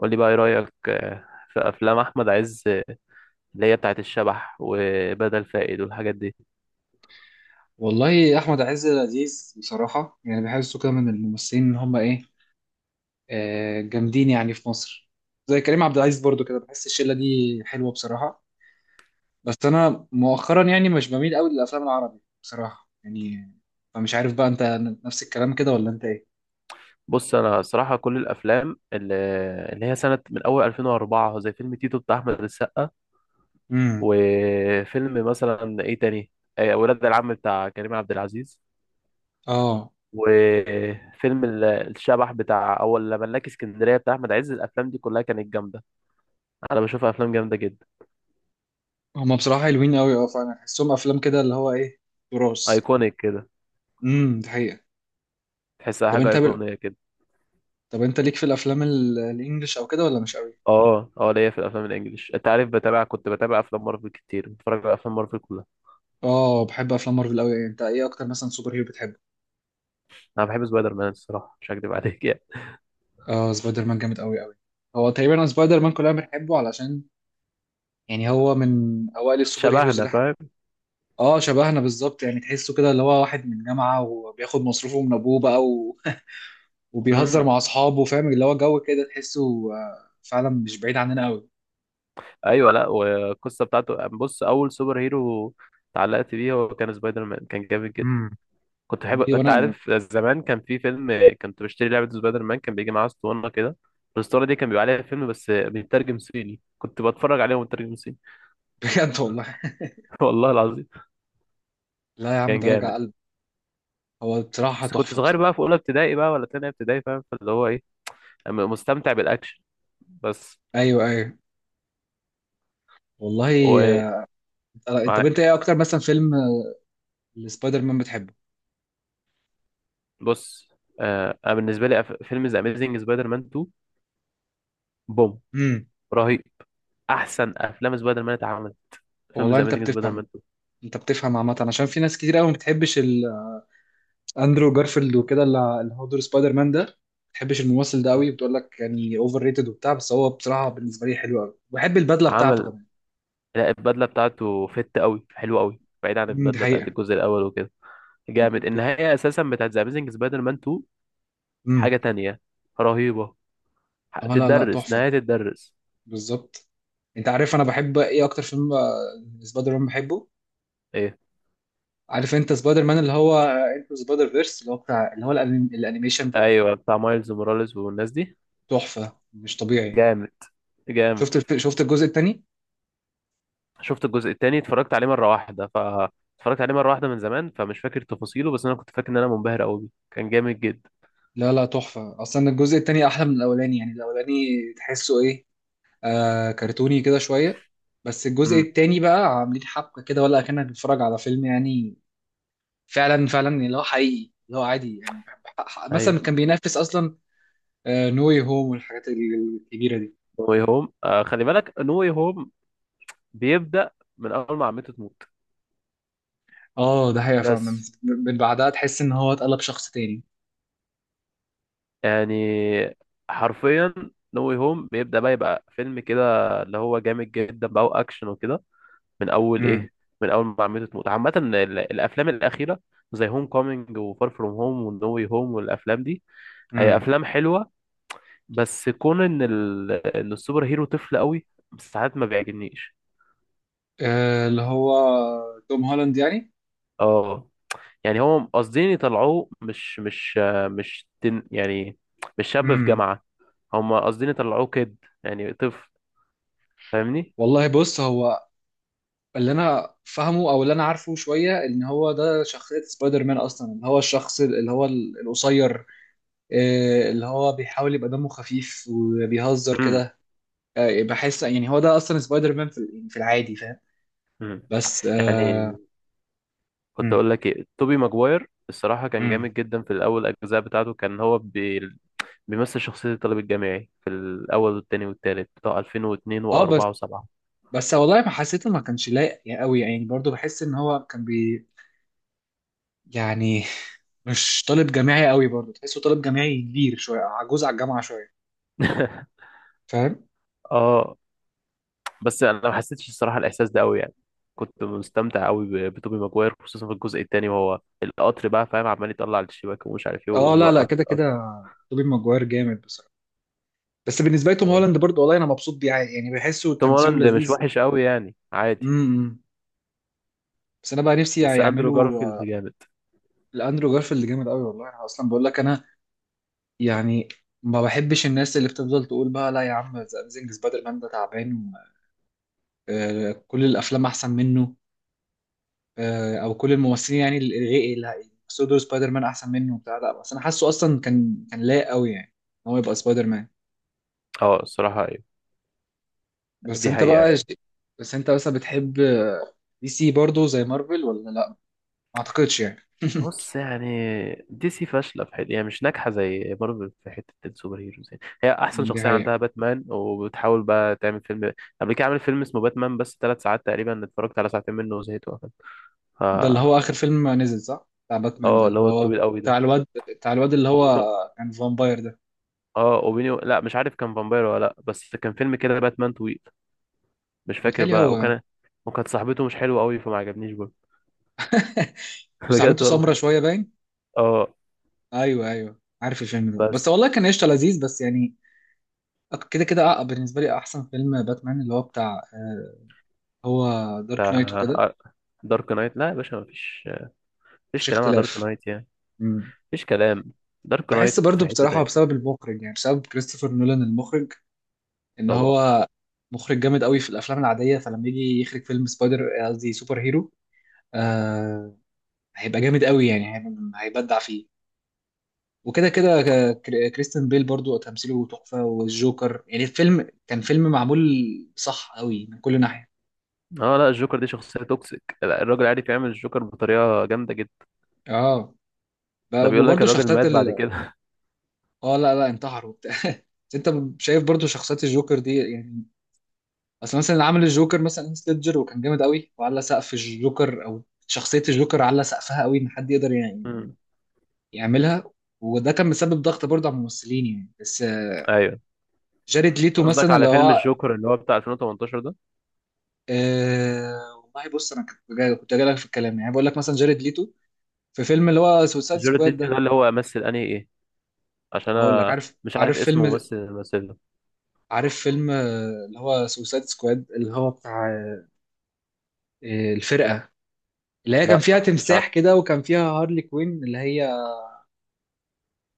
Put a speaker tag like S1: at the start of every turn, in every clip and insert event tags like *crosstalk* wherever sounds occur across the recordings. S1: قول لي بقى ايه رأيك، في افلام احمد عز، اللي هي بتاعت الشبح وبدل فائد والحاجات دي.
S2: والله احمد عز لذيذ بصراحه، يعني بحسه كده من الممثلين ان هم ايه، جامدين يعني في مصر. زي كريم عبد العزيز برضو كده، بحس الشله دي حلوه بصراحه. بس انا مؤخرا يعني مش بميل قوي للافلام العربي بصراحه يعني. فمش عارف بقى، انت نفس الكلام كده ولا انت ايه؟
S1: بص، انا صراحة كل الافلام اللي هي سنة من اول 2004، زي فيلم تيتو بتاع احمد السقا،
S2: امم.
S1: وفيلم مثلا ايه تاني، ولاد العم بتاع كريم عبد العزيز،
S2: اه.
S1: وفيلم الشبح بتاع اول ملاك اسكندرية بتاع احمد عز. الافلام دي كلها كانت جامدة. انا بشوفها افلام جامدة جدا.
S2: هم بصراحه حلوين قوي، اه، فانا بحسهم افلام كده اللي هو ايه، تراث.
S1: ايكونيك كده.
S2: امم. دي حقيقه.
S1: تحسها
S2: طب
S1: حاجة
S2: انت بل...
S1: ايقونية كده.
S2: طب انت ليك في الافلام الانجليش او كده، ولا مش قوي؟
S1: اه، اه، ليا في الافلام الانجليش. انت عارف، كنت بتابع افلام مارفل كتير، بتفرج على افلام مارفل كلها.
S2: اه، بحب افلام مارفل قوي. انت ايه اكتر مثلا سوبر هيرو بتحبه؟
S1: انا بحب سبايدر مان الصراحه، مش هكدب عليك يعني.
S2: اه، سبايدر مان جامد قوي قوي. هو تقريبا أنا سبايدر مان كلنا بنحبه، علشان يعني هو من اوائل السوبر هيروز
S1: شبهنا،
S2: اللي احنا.
S1: فاهم.
S2: اه، شبهنا بالظبط يعني. تحسه كده اللي هو واحد من جامعة، وبياخد مصروفه من ابوه بقى *laughs* وبيهزر
S1: امم.
S2: مع اصحابه، فاهم اللي هو جو كده، تحسه فعلا مش بعيد عننا قوي.
S1: ايوه، لا، والقصه بتاعته، بص، اول سوبر هيرو اتعلقت بيه هو كان سبايدر مان، كان جامد
S2: امم.
S1: جدا. كنت بحب،
S2: دي
S1: انت
S2: وانا
S1: عارف، زمان كان في فيلم، كنت بشتري لعبه سبايدر مان، كان بيجي معاه اسطوانه كده. الاسطوانه دي كان بيبقى عليها فيلم، بس بيترجم صيني، كنت بتفرج عليه ومترجم صيني.
S2: *laughs* بجد والله.
S1: *laughs* والله العظيم.
S2: لا يا عم،
S1: كان
S2: ده وجع
S1: جامد.
S2: قلب. هو بصراحة
S1: بس كنت
S2: تحفة
S1: صغير
S2: بصراحة.
S1: بقى، في اولى ابتدائي بقى ولا تانية ابتدائي، فاهم، فاللي هو ايه، مستمتع بالاكشن بس.
S2: ايوه، ايوه، والله.
S1: ومعاك.
S2: آه، طب انت ايه اكتر مثلا فيلم لسبايدر مان بتحبه؟
S1: بص، انا بالنسبه لي، فيلم ذا اميزنج سبايدر مان 2. بوم.
S2: امم.
S1: رهيب. احسن افلام سبايدر مان اتعملت. فيلم
S2: والله
S1: ذا اميزنج سبايدر مان 2.
S2: انت بتفهم عامه، عشان في ناس كتير قوي ما بتحبش اندرو جارفيلد وكده، اللي هو دور سبايدر مان ده، ما بتحبش الممثل ده
S1: م.
S2: قوي. بتقول لك يعني اوفر ريتد وبتاع، بس هو بصراحه بالنسبه لي حلو قوي، بحب البدله بتاعته
S1: عمل.
S2: كمان.
S1: لا، البدله بتاعته فت قوي، حلوه قوي، بعيد عن
S2: امم. دي
S1: البدله
S2: حقيقه.
S1: بتاعت الجزء الاول وكده. جامد. النهايه اساسا بتاعت ذا اميزنج سبايدر مان 2، حاجه
S2: امم.
S1: تانية، رهيبه.
S2: اه، لا لا،
S1: تتدرس،
S2: تحفه
S1: نهايه تتدرس.
S2: بالظبط. انت عارف انا بحب ايه اكتر فيلم سبايدر مان بحبه؟
S1: ايه.
S2: عارف انت سبايدر مان اللي هو انتو سبايدر فيرس، اللي هو بتاع اللي هو الانيميشن ده.
S1: ايوه، بتاع مايلز موراليس والناس دي.
S2: تحفه مش طبيعي.
S1: جامد، جامد.
S2: شفت الجزء الثاني؟
S1: شفت الجزء التاني، اتفرجت عليه مرة واحدة، ف اتفرجت عليه مرة واحدة من زمان، فمش فاكر تفاصيله، بس انا كنت فاكر ان انا منبهر قوي بيه، كان جامد جدا.
S2: لا لا، تحفة أصلا. الجزء التاني أحلى من الأولاني، يعني الأولاني تحسه إيه، كرتوني كده شوية، بس الجزء
S1: امم.
S2: التاني بقى عاملين حبكة كده، ولا أكنك بتتفرج على فيلم يعني. فعلا فعلا اللي هو حقيقي، اللي هو عادي يعني.
S1: ايوه،
S2: مثلا كان بينافس أصلا نو واي هوم والحاجات الكبيرة دي.
S1: نو واي هوم، خلي بالك، نو واي هوم بيبدأ من اول ما عمته تموت.
S2: اه، ده حقيقة فعلا. من
S1: بس
S2: من بعدها تحس إن هو اتقلب شخص تاني.
S1: يعني، حرفيا، نو واي هوم بيبدأ بقى يبقى فيلم كده اللي هو جامد جدا بقى، واكشن وكده، من اول
S2: امم.
S1: ايه، من اول ما عمته تموت. عامة الافلام الاخيرة، زي هوم كومينج وفار فروم هوم ونو واي هوم والافلام دي، هي
S2: امم.
S1: افلام حلوة، بس كون ان ان السوبر هيرو طفل قوي، ساعات ما بيعجبنيش.
S2: اللي هو توم هولاند يعني.
S1: اه، يعني هو قاصدين يطلعوه مش مش آه، مش تن... يعني مش شاب في
S2: امم.
S1: جامعة. هم قاصدين يطلعوه كده، يعني طفل، فاهمني.
S2: والله بص، هو اللي انا فاهمه او اللي انا عارفه شويه ان هو ده شخصيه سبايدر مان اصلا، اللي هو الشخص اللي هو القصير، اللي هو بيحاول يبقى دمه خفيف وبيهزر
S1: امم.
S2: كده. بحس يعني هو ده اصلا سبايدر مان في يعني في العادي، فاهم؟
S1: امم.
S2: بس
S1: يعني
S2: اه.
S1: كنت
S2: مم.
S1: اقول لك ايه، توبي ماجواير الصراحة كان
S2: مم.
S1: جامد جدا في الاول، الاجزاء بتاعته كان هو بيمثل شخصية الطالب الجامعي في الاول والتاني والتالت، بتاع 2002
S2: آه،
S1: و4
S2: بس
S1: و7.
S2: بس والله ما حسيته، ما كانش لايق قوي يعني. برضو بحس ان هو كان يعني مش طالب جامعي قوي برضو. تحسه طالب جامعي كبير شويه، عجوز على الجامعه شويه،
S1: *laughs*
S2: فاهم.
S1: اه. بس انا ما حسيتش الصراحه الاحساس ده قوي يعني. كنت مستمتع قوي بتوبي ماجواير، خصوصا في الجزء الثاني، وهو القطر بقى، فاهم، عمال يطلع على الشباك ومش عارف ايه
S2: اه، لا لا،
S1: ويوقف
S2: كده كده
S1: القطر.
S2: توبي ماجواير جامد بصراحه. بس بالنسبه لي توم هولاند برضه، والله انا مبسوط بيه عادي، يعني بحسه
S1: توم
S2: تمثيله
S1: هولاند مش
S2: لذيذ.
S1: وحش قوي يعني، عادي.
S2: امم. بس انا بقى نفسي
S1: بس اندرو
S2: يعملوا
S1: جارفيلد جامد.
S2: الاندرو جارفيلد جامد قوي. والله انا اصلا بقول لك، انا يعني ما بحبش الناس اللي بتفضل تقول بقى لا يا عم، ذا اميزنج سبايدر مان ده تعبان، كل الافلام احسن منه، او كل الممثلين يعني اللي سودو سبايدر مان احسن منه وبتاع. لا، بس انا حاسه اصلا كان لايق قوي يعني ان هو يبقى سبايدر مان.
S1: اه الصراحه ايوه،
S2: بس
S1: دي
S2: انت
S1: حقيقه
S2: بقى
S1: يعني.
S2: بس انت بتحب دي سي برضه زي مارفل ولا لا؟ ما اعتقدش يعني.
S1: بص يعني، دي سي فاشله في حته يعني، مش ناجحه زي مارفل في حته السوبر هيروز يعني. هي احسن
S2: دي
S1: شخصيه
S2: حقيقة.
S1: عندها باتمان، وبتحاول بقى تعمل فيلم. قبل كده عملت فيلم اسمه باتمان، بس 3 ساعات تقريبا، اتفرجت على ساعتين منه وزهقت وقفلت. ف
S2: ده اللي هو آخر فيلم نزل صح؟ بتاع باتمان ده،
S1: اه، اللي
S2: اللي
S1: هو
S2: هو
S1: الطويل قوي
S2: بتاع
S1: ده،
S2: الواد بتاع الواد اللي
S1: اوبينيو.
S2: هو، كان فامباير ده؟
S1: اه، اوبينيو، لا مش عارف كان فامباير ولا لا، بس كان فيلم كده باتمان طويل، مش فاكر
S2: بيتهيألي
S1: بقى.
S2: هو
S1: وكان، وكانت صاحبته مش حلوه قوي، فما عجبنيش برضه.
S2: *laughs*
S1: *laughs*
S2: مش
S1: بجد
S2: صاحبته سمرة
S1: والله.
S2: شوية باين؟
S1: اه.
S2: أيوه، أيوه، عارف الفيلم ده. بس
S1: بس
S2: والله كان قشطة لذيذ بس يعني. كده كده بالنسبة لي أحسن فيلم باتمان اللي هو بتاع هو دارك نايت وكده.
S1: بتاع دارك نايت، لا يا باشا، مفيش، مفيش
S2: مفيش
S1: كلام على دارك
S2: اختلاف.
S1: نايت يعني،
S2: مم.
S1: مفيش كلام. دارك
S2: بحس
S1: نايت
S2: برضو
S1: في حتة
S2: بصراحة
S1: تاني.
S2: بسبب المخرج، يعني بسبب كريستوفر نولان المخرج، إن
S1: طبعا.
S2: هو مخرج جامد قوي في الأفلام العادية. فلما يجي يخرج فيلم سبايدر، قصدي سوبر هيرو، هيبقى جامد قوي يعني. هيبدع فيه. وكده كده كريستيان بيل برضو تمثيله تحفة، والجوكر يعني. الفيلم كان فيلم معمول صح قوي من كل ناحية.
S1: اه، لا، الجوكر دي شخصية توكسيك، لا الراجل عارف يعمل الجوكر بطريقة جامدة جدا.
S2: اه.
S1: ده بيقول لك
S2: وبرضو
S1: الراجل
S2: شخصيات
S1: مات بعد كده.
S2: اه، لا لا، انتحروا وبتاع *laughs* بس انت شايف برضو شخصيات الجوكر دي يعني، اصل مثلا عمل الجوكر مثلا هيث ليدجر وكان جامد قوي. وعلى سقف الجوكر، او شخصية الجوكر، على سقفها قوي ان حد يقدر يعني
S1: *laughs* مم.
S2: يعملها. وده كان مسبب ضغط برضه على الممثلين يعني. بس
S1: ايوه.
S2: جاريد ليتو
S1: قصدك
S2: مثلا اللي
S1: على فيلم
S2: هو،
S1: الجوكر اللي هو بتاع 2018 ده؟
S2: أه. والله بص، انا كنت جاي لك في الكلام، يعني بقول لك مثلا جاريد ليتو في فيلم اللي هو سوسايد
S1: جورج
S2: سكواد
S1: ليتو ده
S2: ده.
S1: اللي هو مثل انهي ايه؟ عشان
S2: هقول لك،
S1: انا مش عارف اسم ممثل اللي مثله.
S2: عارف فيلم اللي هو سوسايد سكواد اللي هو بتاع الفرقه اللي هي كان
S1: لا،
S2: فيها
S1: مش عارف.
S2: تمساح كده، وكان فيها هارلي كوين اللي هي.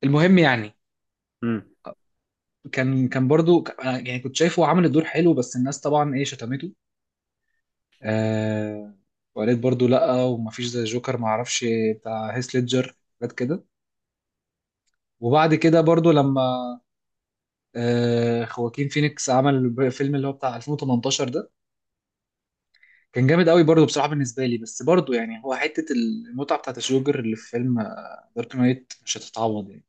S2: المهم يعني،
S1: امم.
S2: كان برضو أنا يعني كنت شايفه عامل الدور حلو، بس الناس طبعا ايه شتمته. أه، وقالت برضو لا، ومفيش زي جوكر معرفش، بتاع هيث ليدجر حاجات كده. وبعد كده برضو لما خواكين فينيكس عمل فيلم اللي هو بتاع 2018 ده، كان جامد قوي برضه بصراحة بالنسبة لي. بس برضه يعني هو حتة المتعة بتاعت الجوكر اللي في فيلم دارك نايت مش هتتعوض يعني.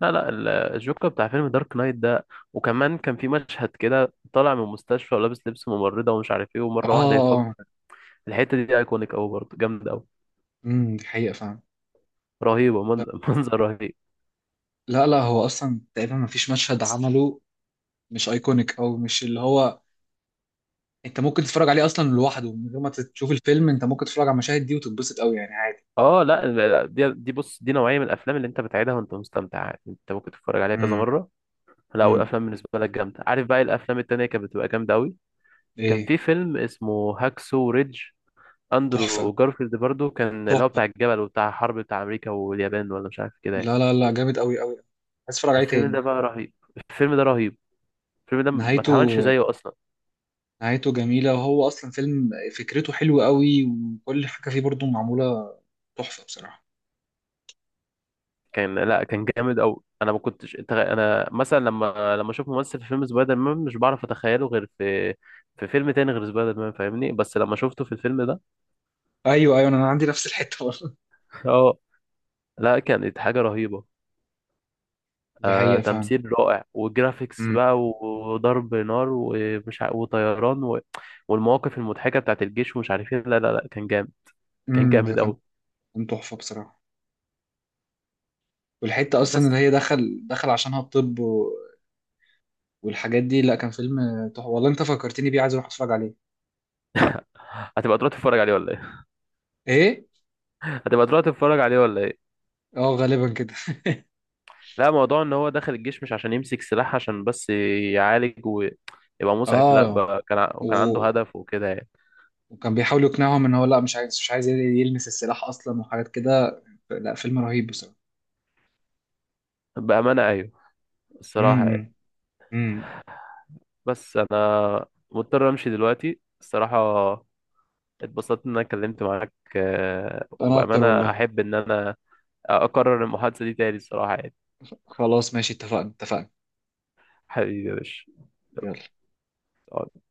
S1: لا، لا، الجوكر بتاع فيلم دارك نايت ده. وكمان كان في مشهد كده طالع من المستشفى ولابس لبس ممرضة ومش عارف ايه،
S2: اه.
S1: ومرة واحدة يفجر. الحتة دي ايكونيك قوي برضه، جامدة قوي.
S2: امم، دي حقيقة فعلا.
S1: رهيبة.
S2: لا
S1: *laughs* منظر رهيب.
S2: لا لا، هو اصلا تقريبا ما فيش مشهد عمله مش ايكونيك، او مش اللي هو. انت ممكن تتفرج عليه اصلا لوحده من غير ما تشوف الفيلم. انت ممكن تتفرج على المشاهد دي وتتبسط قوي يعني عادي.
S1: اه، لا، لا، دي دي بص، دي نوعية من الافلام اللي انت بتعيدها وانت مستمتع عادي. انت ممكن تتفرج عليها كذا
S2: امم.
S1: مرة. لا،
S2: امم.
S1: والافلام بالنسبة لك جامدة، عارف بقى إيه الافلام التانية كانت بتبقى جامدة قوي؟ كان
S2: ايه.
S1: في فيلم اسمه هاكسو ريدج.
S2: تحفة،
S1: اندرو جارفيلد برضو كان، اللي هو
S2: تحفة.
S1: بتاع الجبل وبتاع الحرب بتاع امريكا واليابان، ولا مش عارف كده يعني.
S2: لا لا لا، جامد قوي قوي. عايز اتفرج عليه
S1: الفيلم
S2: تاني.
S1: ده بقى رهيب. الفيلم ده رهيب. الفيلم ده ما اتعملش
S2: نهايته
S1: زيه اصلا.
S2: نهايته جميلة، وهو أصلا فيلم فكرته حلوة قوي، وكل حاجة فيه برضو معمولة تحفة بصراحة.
S1: كان، لا كان جامد قوي. انا ما كنتش انا مثلا، لما اشوف ممثل في فيلم سبايدر مان، مش بعرف اتخيله غير في فيلم تاني غير سبايدر مان، فاهمني، بس لما شفته في الفيلم ده.
S2: أيوه، أيوه، أنا عندي نفس الحتة برضه.
S1: *laughs* اه. لا، كانت حاجة رهيبة.
S2: *laughs* دي حقيقة فعلا.
S1: تمثيل رائع، وجرافيكس
S2: امم.
S1: بقى، وضرب نار، ومش وطيران والمواقف المضحكة بتاعت الجيش، ومش عارف ايه، لا، لا، لا، كان جامد. كان
S2: امم. ده
S1: جامد
S2: كان
S1: قوي.
S2: كان تحفة بصراحة. والحتة أصلا اللي
S1: بس
S2: هي دخل عشانها الطب والحاجات دي. لا، كان فيلم تحفة والله. أنت فكرتني بيه، عايز أروح أتفرج عليه.
S1: هتبقى تروح تتفرج عليه ولا ايه؟
S2: إيه؟
S1: *laughs* هتبقى تروح تتفرج عليه ولا ايه؟
S2: أه، غالبا كده.
S1: لا، موضوع ان هو داخل الجيش مش عشان يمسك سلاح، عشان بس يعالج ويبقى مسعف،
S2: أه،
S1: لا
S2: لا.
S1: بقى كان وكان عنده
S2: و...
S1: هدف وكده يعني.
S2: وكان بيحاول يقنعهم إن هو لا، مش عايز يلمس السلاح أصلا وحاجات كده. لا فيلم رهيب بصراحة.
S1: بأمانة ايوه، الصراحة يعني.
S2: امم. امم.
S1: بس انا مضطر امشي دلوقتي الصراحة. اتبسطت ان انا اتكلمت معاك،
S2: أنا أكتر
S1: وبامانه
S2: والله.
S1: احب ان انا اكرر المحادثه دي تاني الصراحه يعني.
S2: خلاص ماشي، اتفقنا، اتفقنا.
S1: حبيبي يا باشا.
S2: يلا.
S1: يلا.